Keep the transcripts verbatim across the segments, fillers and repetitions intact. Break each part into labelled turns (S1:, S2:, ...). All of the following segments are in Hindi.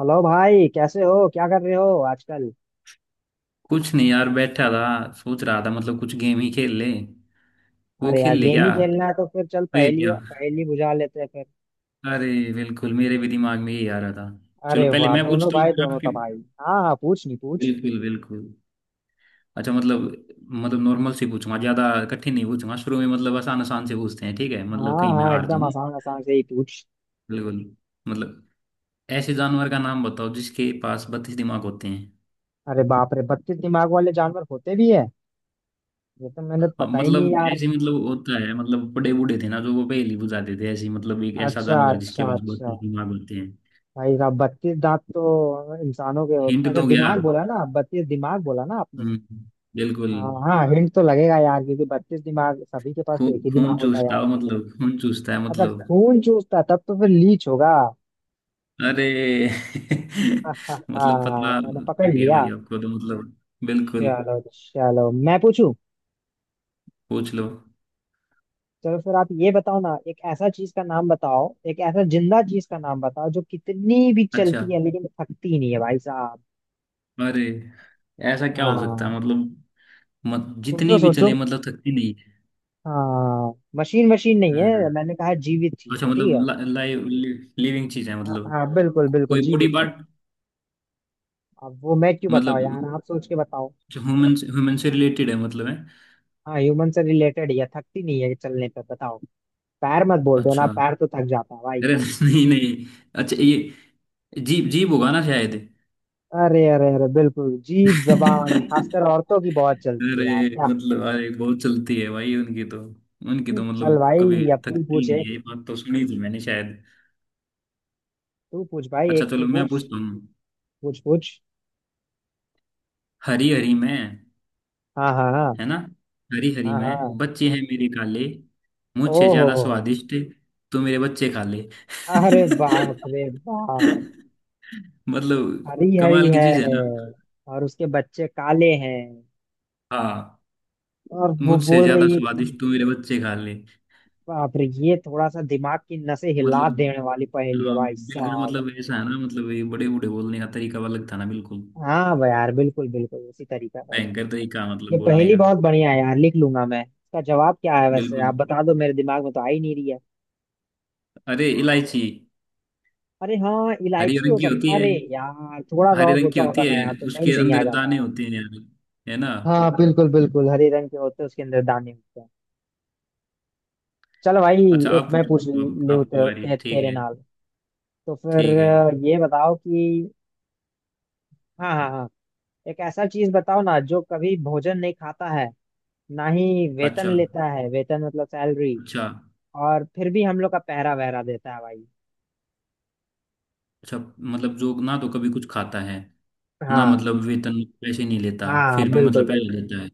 S1: हेलो भाई, कैसे हो? क्या कर रहे हो आजकल?
S2: कुछ नहीं यार, बैठा था। सोच रहा था मतलब कुछ गेम ही खेल ले। वो
S1: अरे यार,
S2: खेल ले
S1: गेम
S2: क्या।
S1: ही खेलना है तो फिर चल पहेली
S2: पहेलियाँ।
S1: पहेली बुझा लेते हैं फिर।
S2: अरे, बिल्कुल मेरे भी दिमाग में ये आ रहा था। चलो
S1: अरे
S2: पहले
S1: वाह,
S2: मैं
S1: दोनों
S2: पूछता हूँ,
S1: भाई
S2: फिर
S1: दोनों
S2: आपकी।
S1: तो भाई। हाँ हाँ, पूछ। नहीं पूछ।
S2: बिल्कुल बिल्कुल। अच्छा मतलब, मतलब नॉर्मल से पूछूंगा। ज्यादा कठिन नहीं पूछूंगा शुरू में, मतलब आसान आसान से पूछते हैं। ठीक है मतलब
S1: हाँ
S2: कहीं मैं
S1: हाँ,
S2: हार
S1: एकदम
S2: जाऊं।
S1: आसान आसान से ही पूछ।
S2: बिल्कुल। मतलब ऐसे जानवर का नाम बताओ जिसके पास बत्तीस दिमाग होते हैं।
S1: अरे बाप रे, बत्तीस दिमाग वाले जानवर होते भी है? ये तो मैंने
S2: हाँ,
S1: पता ही नहीं
S2: मतलब
S1: यार।
S2: ऐसे मतलब होता है। मतलब बड़े बूढ़े थे ना, जो वो पहेली बुझाते थे ऐसे। मतलब एक ऐसा
S1: अच्छा
S2: जानवर जिसके
S1: अच्छा
S2: पास
S1: अच्छा।
S2: बत्तीस दिमाग होते हैं।
S1: भाई साहब, बत्तीस दांत तो इंसानों के होते।
S2: हिंट
S1: अच्छा,
S2: दो क्या।
S1: दिमाग बोला ना? बत्तीस दिमाग बोला ना आपने?
S2: हम्म। बिल्कुल।
S1: हाँ हाँ, हिंट तो लगेगा यार क्योंकि बत्तीस दिमाग, सभी के पास
S2: खून
S1: तो एक ही दिमाग
S2: खून
S1: होता है
S2: चूसता
S1: यार।
S2: हो मतलब। खून चूसता है
S1: अच्छा,
S2: मतलब।
S1: खून चूसता तब तो फिर लीच होगा।
S2: अरे मतलब
S1: आहाहा,
S2: पता
S1: मैंने पकड़
S2: लग गया
S1: लिया।
S2: भाई आपको तो मतलब। बिल्कुल।
S1: चलो चलो, मैं पूछूं।
S2: पूछ लो।
S1: चलो फिर आप ये बताओ ना, एक ऐसा चीज का नाम बताओ, एक ऐसा जिंदा चीज का नाम बताओ जो कितनी भी
S2: अच्छा।
S1: चलती है लेकिन थकती नहीं है भाई साहब।
S2: अरे, ऐसा क्या हो सकता है
S1: हाँ।
S2: मतलब। मत,
S1: सोचो
S2: जितनी भी
S1: सोचो।
S2: चले मतलब थकती नहीं है।
S1: हाँ, मशीन मशीन नहीं
S2: हाँ।
S1: है, मैंने कहा जीवित चीज
S2: अच्छा
S1: है, ठीक है?
S2: मतलब लाइव, लिविंग चीज है
S1: हाँ
S2: मतलब।
S1: हाँ, बिल्कुल
S2: को-
S1: बिल्कुल
S2: कोई बॉडी
S1: जीवित है।
S2: पार्ट।
S1: अब वो मैं क्यों बताओ
S2: मतलब
S1: यार, आप सोच के बताओ।
S2: ह्यूमन, ह्यूमन से रिलेटेड है मतलब, है।
S1: हाँ, ह्यूमन से रिलेटेड है, थकती नहीं है चलने पर, बताओ। पैर मत बोल देना,
S2: अच्छा।
S1: पैर तो थक जाता है भाई।
S2: अरे नहीं नहीं। अच्छा ये जीप, जीप होगा ना शायद।
S1: अरे अरे अरे बिल्कुल, जीभ जबान खासकर औरतों की बहुत चलती है
S2: अरे
S1: यार क्या।
S2: मतलब, अरे बहुत चलती है भाई उनकी तो। उनकी तो
S1: चल
S2: मतलब कभी
S1: भाई, अब तू
S2: थकती
S1: पूछ
S2: नहीं
S1: एक।
S2: है, ये बात तो सुनी थी मैंने शायद।
S1: तू पूछ भाई,
S2: अच्छा
S1: एक तू
S2: चलो मैं
S1: पूछ।
S2: पूछता हूँ।
S1: पूछ पूछ।
S2: हरी हरी में,
S1: हाँ हाँ हाँ।
S2: है ना। हरी हरी
S1: हाँ
S2: में
S1: हाँ।
S2: बच्चे हैं मेरे काले। मुझसे
S1: ओहो
S2: ज्यादा
S1: हो।
S2: स्वादिष्ट तो मेरे बच्चे खा ले।
S1: अरे बाप रे बाप।
S2: मतलब
S1: हरी हरी
S2: कमाल की
S1: है।
S2: चीज है ना।
S1: और उसके बच्चे काले हैं।
S2: हाँ।
S1: और वो
S2: मुझसे
S1: बोल
S2: ज्यादा
S1: रही है कि
S2: स्वादिष्ट तो मेरे बच्चे खा ले
S1: बाप रे, ये थोड़ा सा दिमाग की नसें हिला
S2: मतलब।
S1: देने वाली पहेली है
S2: हाँ,
S1: भाई
S2: बिल्कुल।
S1: साहब।
S2: मतलब ऐसा है ना मतलब, ये बड़े बूढ़े बोलने का तरीका अलग था ना, बिल्कुल।
S1: हाँ भाई यार, बिल्कुल बिल्कुल उसी तरीका का।
S2: भयंकर तरीका मतलब
S1: ये
S2: बोलने
S1: पहेली
S2: का।
S1: बहुत बढ़िया है यार, लिख लूंगा मैं। इसका जवाब क्या है वैसे?
S2: बिल्कुल।
S1: आप बता दो, मेरे दिमाग में तो आ ही नहीं रही है।
S2: अरे, इलायची।
S1: अरे हाँ,
S2: हरी
S1: इलायची हो
S2: रंग की होती
S1: सकता।
S2: है,
S1: अरे यार, थोड़ा सा
S2: हरे
S1: और
S2: रंग की
S1: सोचा होता
S2: होती
S1: ना
S2: है।
S1: यार तो सही
S2: उसके
S1: सही आ
S2: अंदर
S1: जाता
S2: दाने
S1: है।
S2: होते हैं यार, है ना।
S1: हाँ बिल्कुल बिल्कुल, हरे रंग के होते हैं उसके अंदर दाने होते हैं। चलो भाई।
S2: अच्छा
S1: एक
S2: आप
S1: मैं पूछ
S2: पूछो, आप-
S1: लूँ
S2: आपकी बारी।
S1: ते,
S2: ठीक
S1: तेरे
S2: है।
S1: नाल। तो फिर
S2: ठीक है।
S1: अ, ये बताओ कि हाँ हाँ हाँ, एक ऐसा चीज बताओ ना जो कभी भोजन नहीं खाता है, ना ही
S2: अच्छा,
S1: वेतन लेता है, वेतन मतलब सैलरी,
S2: अच्छा,
S1: और फिर भी हम लोग का पहरा वहरा देता है भाई।
S2: अच्छा। मतलब जो ना तो कभी कुछ खाता है, ना
S1: हाँ
S2: मतलब वेतन, पैसे नहीं लेता,
S1: हाँ
S2: फिर भी
S1: बिल्कुल
S2: मतलब
S1: बिल्कुल,
S2: पहले देता है।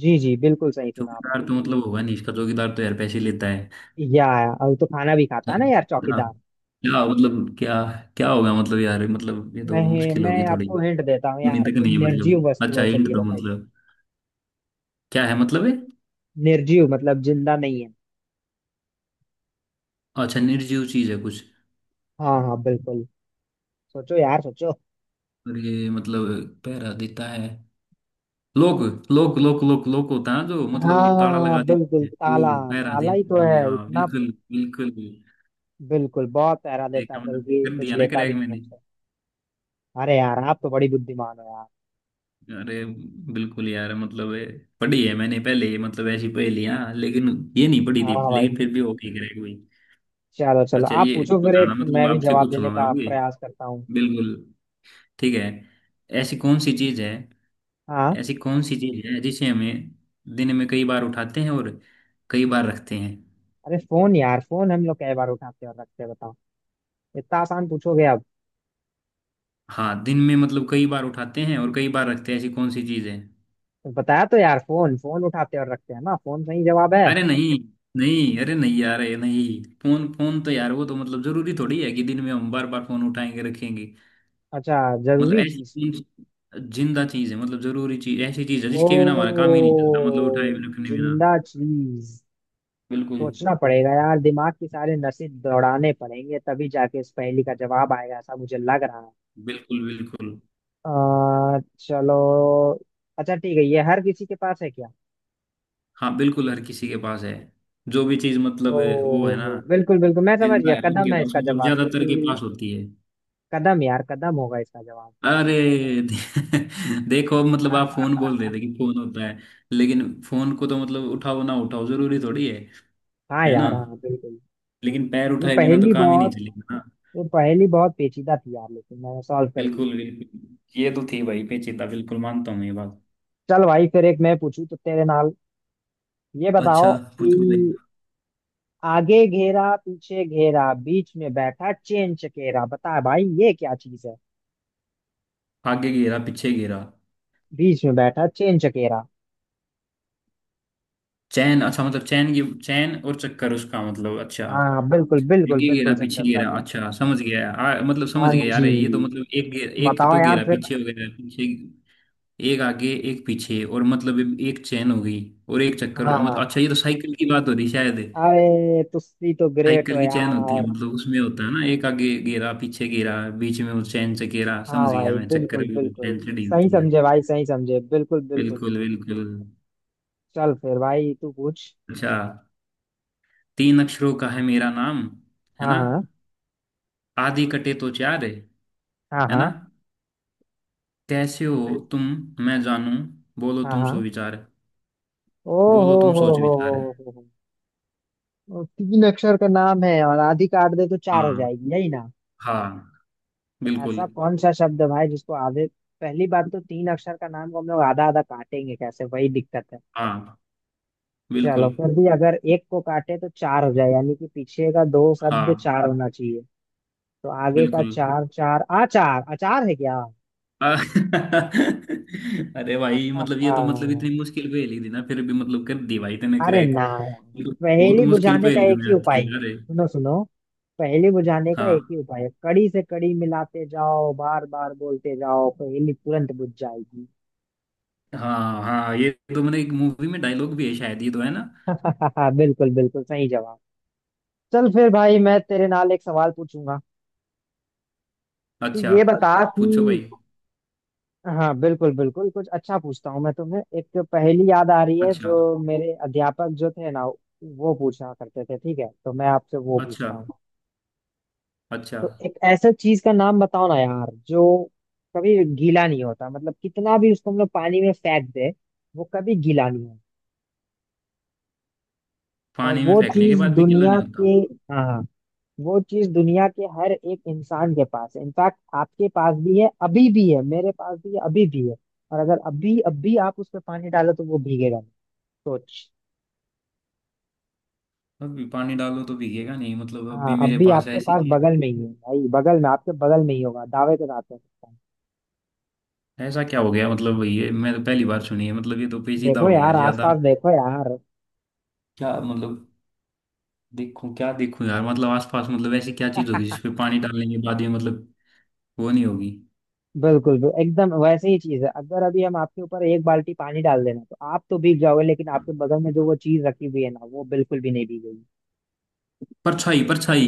S1: जी जी बिल्कुल सही सुना आपने।
S2: चौकीदार तो मतलब होगा नहीं इसका, चौकीदार तो यार पैसे लेता है।
S1: या अब तो खाना भी खाता
S2: यार
S1: है ना यार
S2: क्या।
S1: चौकीदार।
S2: क्या मतलब, क्या। क्या होगा मतलब यार, मतलब ये तो
S1: मैं
S2: मुश्किल
S1: मैं
S2: होगी थोड़ी।
S1: आपको हिंट
S2: सुनी
S1: देता हूँ यार,
S2: तक
S1: कोई
S2: नहीं है
S1: निर्जीव
S2: मतलब।
S1: वस्तु
S2: अच्छा
S1: है,
S2: इंट
S1: चलिए
S2: दो
S1: बताइए।
S2: मतलब, क्या है मतलब ये।
S1: निर्जीव मतलब जिंदा नहीं है।
S2: अच्छा, निर्जीव चीज है कुछ।
S1: हाँ हाँ बिल्कुल। सोचो यार सोचो।
S2: और ये मतलब पहरा देता है। लोक, लोक लोक लोक लोक होता है जो मतलब, वो ताला
S1: हाँ
S2: लगा
S1: बिल्कुल,
S2: देते हैं
S1: ताला
S2: वो पहरा
S1: ताला
S2: देने
S1: ही
S2: के
S1: तो है
S2: लिए। हाँ
S1: इतना।
S2: बिल्कुल बिल्कुल।
S1: बिल्कुल, बहुत पहरा देता,
S2: देखा मतलब,
S1: बल्कि
S2: कर
S1: कुछ
S2: दिया ना
S1: लेता भी
S2: क्रैक
S1: नहीं
S2: मैंने।
S1: हमसे। अरे यार, आप तो बड़ी बुद्धिमान हो यार।
S2: अरे, बिल्कुल यार मतलब ये पढ़ी है मैंने पहले, ये मतलब ऐसी पहेलियां। लेकिन ये नहीं पढ़ी थी,
S1: हाँ
S2: लेकिन फिर
S1: भाई।
S2: भी हो गई, क्रैक हुई।
S1: चलो चलो,
S2: अच्छा
S1: आप
S2: ये
S1: पूछो फिर, एक
S2: बताना, मतलब
S1: मैं भी
S2: आपसे
S1: जवाब देने
S2: पूछूंगा मैं
S1: का
S2: अभी।
S1: प्रयास करता हूँ।
S2: बिल्कुल। ठीक है। ऐसी कौन सी चीज है।
S1: हाँ।
S2: ऐसी कौन सी चीज है जिसे हमें दिन में कई बार उठाते हैं और कई बार रखते हैं।
S1: अरे फोन यार, फोन हम लोग कई बार उठाते और रखते हैं, बताओ। इतना आसान पूछोगे अब?
S2: हाँ दिन में मतलब कई बार उठाते हैं और कई बार रखते हैं, ऐसी कौन सी चीज है।
S1: तो बताया तो यार, फोन फोन उठाते और रखते हैं ना, फोन सही जवाब है।
S2: अरे नहीं, नहीं। अरे नहीं यार, ये नहीं। फोन, फोन तो यार वो तो मतलब जरूरी थोड़ी है कि दिन में हम बार बार फोन उठाएंगे रखेंगे।
S1: अच्छा,
S2: मतलब
S1: जरूरी
S2: ऐसी
S1: चीज।
S2: कौन सी जिंदा चीज है मतलब, जरूरी चीज, ऐसी चीज है
S1: ओ,
S2: जिसके बिना हमारा काम ही नहीं चलता मतलब, उठाए बिना रखने बिना।
S1: जिंदा चीज।
S2: बिल्कुल
S1: सोचना पड़ेगा यार, दिमाग की सारे नसें दौड़ाने पड़ेंगे तभी जाके इस पहेली का जवाब आएगा, ऐसा मुझे लग रहा है।
S2: बिल्कुल बिल्कुल।
S1: आ, चलो। अच्छा ठीक है, ये हर किसी के पास है क्या?
S2: हाँ बिल्कुल हर किसी के पास है। जो भी चीज
S1: ओ
S2: मतलब है, वो है ना।
S1: बिल्कुल बिल्कुल, मैं समझ
S2: जिंदा
S1: गया,
S2: है उनके
S1: कदम है
S2: पास
S1: इसका
S2: मतलब,
S1: जवाब
S2: ज्यादातर के
S1: क्योंकि
S2: पास होती है।
S1: कदम यार, कदम होगा इसका जवाब।
S2: अरे देखो अब मतलब, आप फोन बोल रहे
S1: हाँ
S2: थे कि फोन होता है, लेकिन फोन को तो मतलब उठाओ ना उठाओ जरूरी थोड़ी है है ना।
S1: यार। हाँ बिल्कुल।
S2: लेकिन पैर
S1: ये
S2: उठाए बिना तो
S1: पहेली
S2: काम ही नहीं
S1: बहुत,
S2: चलेगा ना।
S1: ये पहेली बहुत पेचीदा थी यार, लेकिन मैंने सॉल्व कर दी।
S2: बिल्कुल बिल्कुल ये तो थी भाई पेचीदा, बिल्कुल मानता हूँ ये बात।
S1: चल भाई, फिर एक मैं पूछूं तो तेरे नाल। ये बताओ
S2: अच्छा, पूछो भाई।
S1: कि आगे घेरा पीछे घेरा बीच में बैठा चेन चकेरा, बता भाई ये क्या चीज है?
S2: आगे घेरा पीछे घेरा।
S1: बीच में बैठा चेन चकेरा।
S2: चैन, अच्छा मतलब चैन की चैन और चक्कर उसका मतलब, अच्छा।
S1: हाँ बिल्कुल बिल्कुल
S2: आगे घेरा
S1: बिल्कुल, सही
S2: पीछे
S1: समझा
S2: घेरा,
S1: तू।
S2: अच्छा समझ गया। आ, मतलब समझ
S1: हाँ
S2: गया
S1: जी।
S2: यार, ये तो मतलब एक घे- एक
S1: बताओ
S2: तो
S1: यार
S2: घेरा
S1: फिर।
S2: पीछे हो गया पीछे। एक आगे एक पीछे, और मतलब एक चैन हो गई और एक
S1: हाँ
S2: चक्कर हो
S1: हाँ
S2: गया मतलब,
S1: हाँ।
S2: अच्छा ये तो साइकिल की बात हो रही शायद।
S1: अरे तुसी तो ग्रेट
S2: साइकिल
S1: हो
S2: की चैन होती है
S1: यार।
S2: मतलब, उसमें होता है ना एक आगे घेरा पीछे घेरा, बीच में वो चैन से घेरा,
S1: हाँ
S2: समझ गया
S1: भाई
S2: मैं। चक्कर
S1: बिल्कुल
S2: भी
S1: बिल्कुल,
S2: चैन चढ़ी
S1: सही
S2: होती है।
S1: समझे भाई सही समझे, बिल्कुल बिल्कुल।
S2: बिल्कुल बिल्कुल।
S1: चल फिर भाई, तू पूछ।
S2: अच्छा, तीन अक्षरों का है मेरा नाम, है
S1: हाँ
S2: ना,
S1: हाँ
S2: आदि कटे तो चार है
S1: हाँ।
S2: है ना।
S1: हाँ
S2: कैसे हो
S1: बिल्कुल।
S2: तुम, मैं जानू, बोलो
S1: हाँ
S2: तुम सो
S1: हाँ।
S2: विचार।
S1: ओ
S2: बोलो
S1: हो
S2: तुम
S1: हो
S2: सोच
S1: हो हो
S2: विचार।
S1: हो हो। ओ, तीन अक्षर का नाम है और आधी काट दे तो चार हो
S2: हाँ।
S1: जाएगी, यही ना?
S2: हाँ।
S1: तो
S2: बिल्कुल।
S1: ऐसा कौन सा शब्द है भाई जिसको आधे, पहली बात तो तीन अक्षर का नाम को हम लोग आधा आधा काटेंगे कैसे, वही दिक्कत है।
S2: हाँ। बिल्कुल।
S1: चलो फिर भी, अगर एक को काटे तो चार हो जाए यानी कि पीछे का दो शब्द
S2: हाँ।
S1: चार होना चाहिए। तो आगे का
S2: बिल्कुल।
S1: चार, चार आचार, अचार है क्या?
S2: आ- अरे भाई मतलब
S1: आहा,
S2: ये तो मतलब इतनी मुश्किल पहेली थी ना, फिर भी मतलब कर दी भाई तूने
S1: अरे ना
S2: क्रैक।
S1: यार।
S2: बहुत
S1: पहेली
S2: मुश्किल
S1: बुझाने का
S2: पहेलियों
S1: एक
S2: में
S1: ही
S2: आती
S1: उपाय
S2: है
S1: है,
S2: यार ये।
S1: सुनो सुनो, पहेली बुझाने का
S2: हाँ
S1: एक ही उपाय है, कड़ी से कड़ी मिलाते जाओ, बार बार बोलते जाओ, पहेली तुरंत बुझ जाएगी।
S2: हाँ हाँ, ये तो मैंने एक मूवी में डायलॉग भी है शायद ये तो, है ना।
S1: बिल्कुल बिल्कुल सही जवाब। चल फिर भाई, मैं तेरे नाल एक सवाल पूछूंगा। तू
S2: अच्छा,
S1: ये बता
S2: पूछो
S1: कि
S2: भाई।
S1: हाँ बिल्कुल बिल्कुल, कुछ अच्छा पूछता हूँ। मैं तुम्हें एक पहेली, याद आ रही है
S2: अच्छा
S1: जो मेरे अध्यापक जो थे ना, वो पूछा करते थे ठीक है, तो मैं आपसे वो
S2: अच्छा
S1: पूछता हूँ।
S2: अच्छा।
S1: तो एक ऐसा चीज का नाम बताओ ना यार जो कभी गीला नहीं होता, मतलब कितना भी उसको हम लोग पानी में फेंक दे वो कभी गीला नहीं होता। और
S2: पानी में
S1: वो
S2: फेंकने के
S1: चीज
S2: बाद भी गीला नहीं
S1: दुनिया के,
S2: होता।
S1: हाँ हाँ, वो चीज दुनिया के हर एक इंसान के पास है, इनफैक्ट आपके पास भी है अभी भी है, मेरे पास भी है अभी भी है। और अगर अभी अभी आप उस पर पानी डालो तो वो भीगेगा नहीं। सोच।
S2: अभी पानी डालो तो भीगेगा नहीं मतलब,
S1: हाँ,
S2: अभी मेरे
S1: अभी
S2: पास
S1: आपके
S2: ऐसी
S1: पास
S2: चीज।
S1: बगल में ही है भाई, बगल में, आपके बगल में ही होगा, दावे के साथ कह सकता हूँ।
S2: ऐसा क्या हो गया मतलब, ये मैं तो पहली बार सुनी है मतलब, ये तो पेचीदा
S1: देखो
S2: हो गया
S1: यार,
S2: यार ज्यादा।
S1: आसपास देखो यार।
S2: क्या मतलब। देखो क्या देखो यार मतलब, आसपास मतलब ऐसी क्या चीज होगी जिसपे पानी डालने के बाद ये मतलब वो नहीं होगी।
S1: बिल्कुल बिल्कुल, एकदम वैसे ही चीज है, अगर अभी हम आपके ऊपर एक बाल्टी पानी डाल देना तो आप तो भीग जाओगे, लेकिन आपके बगल में जो वो चीज रखी हुई है ना वो बिल्कुल भी नहीं भीगेगी।
S2: परछाई, परछाई।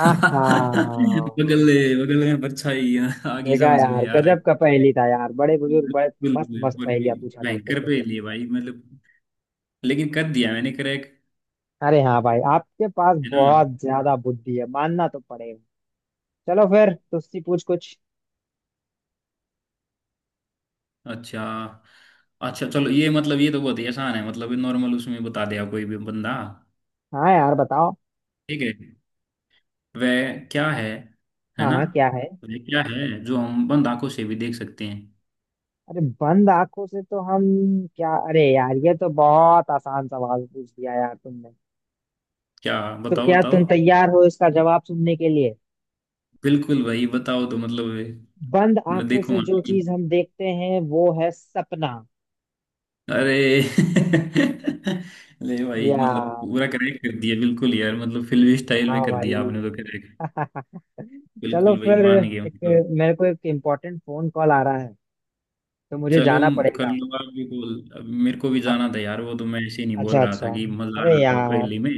S1: आहा।
S2: बगल, बगल में परछाई है, आगी
S1: देखा
S2: समझ में
S1: यार,
S2: यार।
S1: गजब का पहेली था यार, बड़े बुजुर्ग बड़े मस्त
S2: बिल्कुल,
S1: मस्त
S2: बड़ी
S1: पहेलियां पूछा करते
S2: भयंकर
S1: थे।
S2: पहेली है भाई मतलब, लेकिन कर दिया मैंने क्रैक।
S1: अरे हाँ भाई, आपके पास
S2: है ना।
S1: बहुत ज्यादा बुद्धि है, मानना तो पड़ेगा। चलो फिर तुझसे पूछ कुछ।
S2: अच्छा, अच्छा चलो ये मतलब ये तो बहुत ही आसान है मतलब, नॉर्मल उसमें बता दिया कोई भी बंदा।
S1: हाँ यार बताओ।
S2: ठीक है, वह क्या है है
S1: हाँ
S2: ना।
S1: हाँ, क्या है?
S2: वह क्या है जो हम बंद आंखों से भी देख सकते हैं।
S1: अरे बंद आंखों से तो हम, क्या, अरे यार ये तो बहुत आसान सवाल पूछ दिया यार तुमने।
S2: क्या।
S1: तो
S2: बताओ,
S1: क्या
S2: बताओ।
S1: तुम तैयार हो इसका जवाब सुनने के लिए?
S2: बिल्कुल भाई बताओ तो मतलब,
S1: बंद
S2: मैं
S1: आंखों से
S2: देखूंगा।
S1: जो चीज हम देखते हैं वो है सपना।
S2: अरे ले भाई, मतलब
S1: यार,
S2: पूरा करेक्ट कर दिया बिल्कुल यार मतलब, फिल्मी स्टाइल
S1: हाँ
S2: में कर
S1: भाई।
S2: दिया आपने तो करेक्ट।
S1: चलो
S2: बिल्कुल भाई
S1: फिर,
S2: मान गया
S1: एक
S2: मतलब।
S1: मेरे को एक इम्पोर्टेंट फोन कॉल आ रहा है, तो मुझे
S2: चलो
S1: जाना
S2: कर
S1: पड़ेगा।
S2: लो, आप भी बोल। अब मेरे को भी
S1: अ-
S2: जाना था यार, वो तो मैं ऐसे ही नहीं बोल
S1: अच्छा
S2: रहा
S1: अच्छा।
S2: था कि मजा आ
S1: अरे
S2: रहा था
S1: यार,
S2: पहेली में।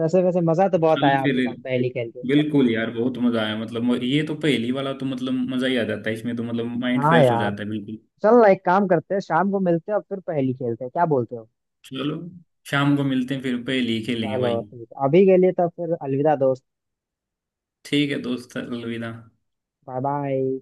S1: वैसे वैसे मजा तो बहुत
S2: चलो
S1: आया
S2: फिर।
S1: आपके साथ पहेली खेल के।
S2: बिल्कुल यार, बहुत मजा आया मतलब। म- ये तो पहेली वाला तो मतलब मजा ही आ जाता है इसमें तो, मतलब माइंड
S1: हाँ
S2: फ्रेश हो
S1: यार।
S2: जाता है बिल्कुल।
S1: चल ना, एक काम करते हैं, शाम को मिलते हैं और फिर पहेली खेलते हैं, क्या बोलते हो?
S2: चलो शाम को मिलते हैं फिर, पहेली खेलेंगे
S1: चलो
S2: भाई।
S1: ठीक है, अभी के लिए तो फिर अलविदा दोस्त।
S2: ठीक है दोस्त, अलविदा।
S1: Bye bye.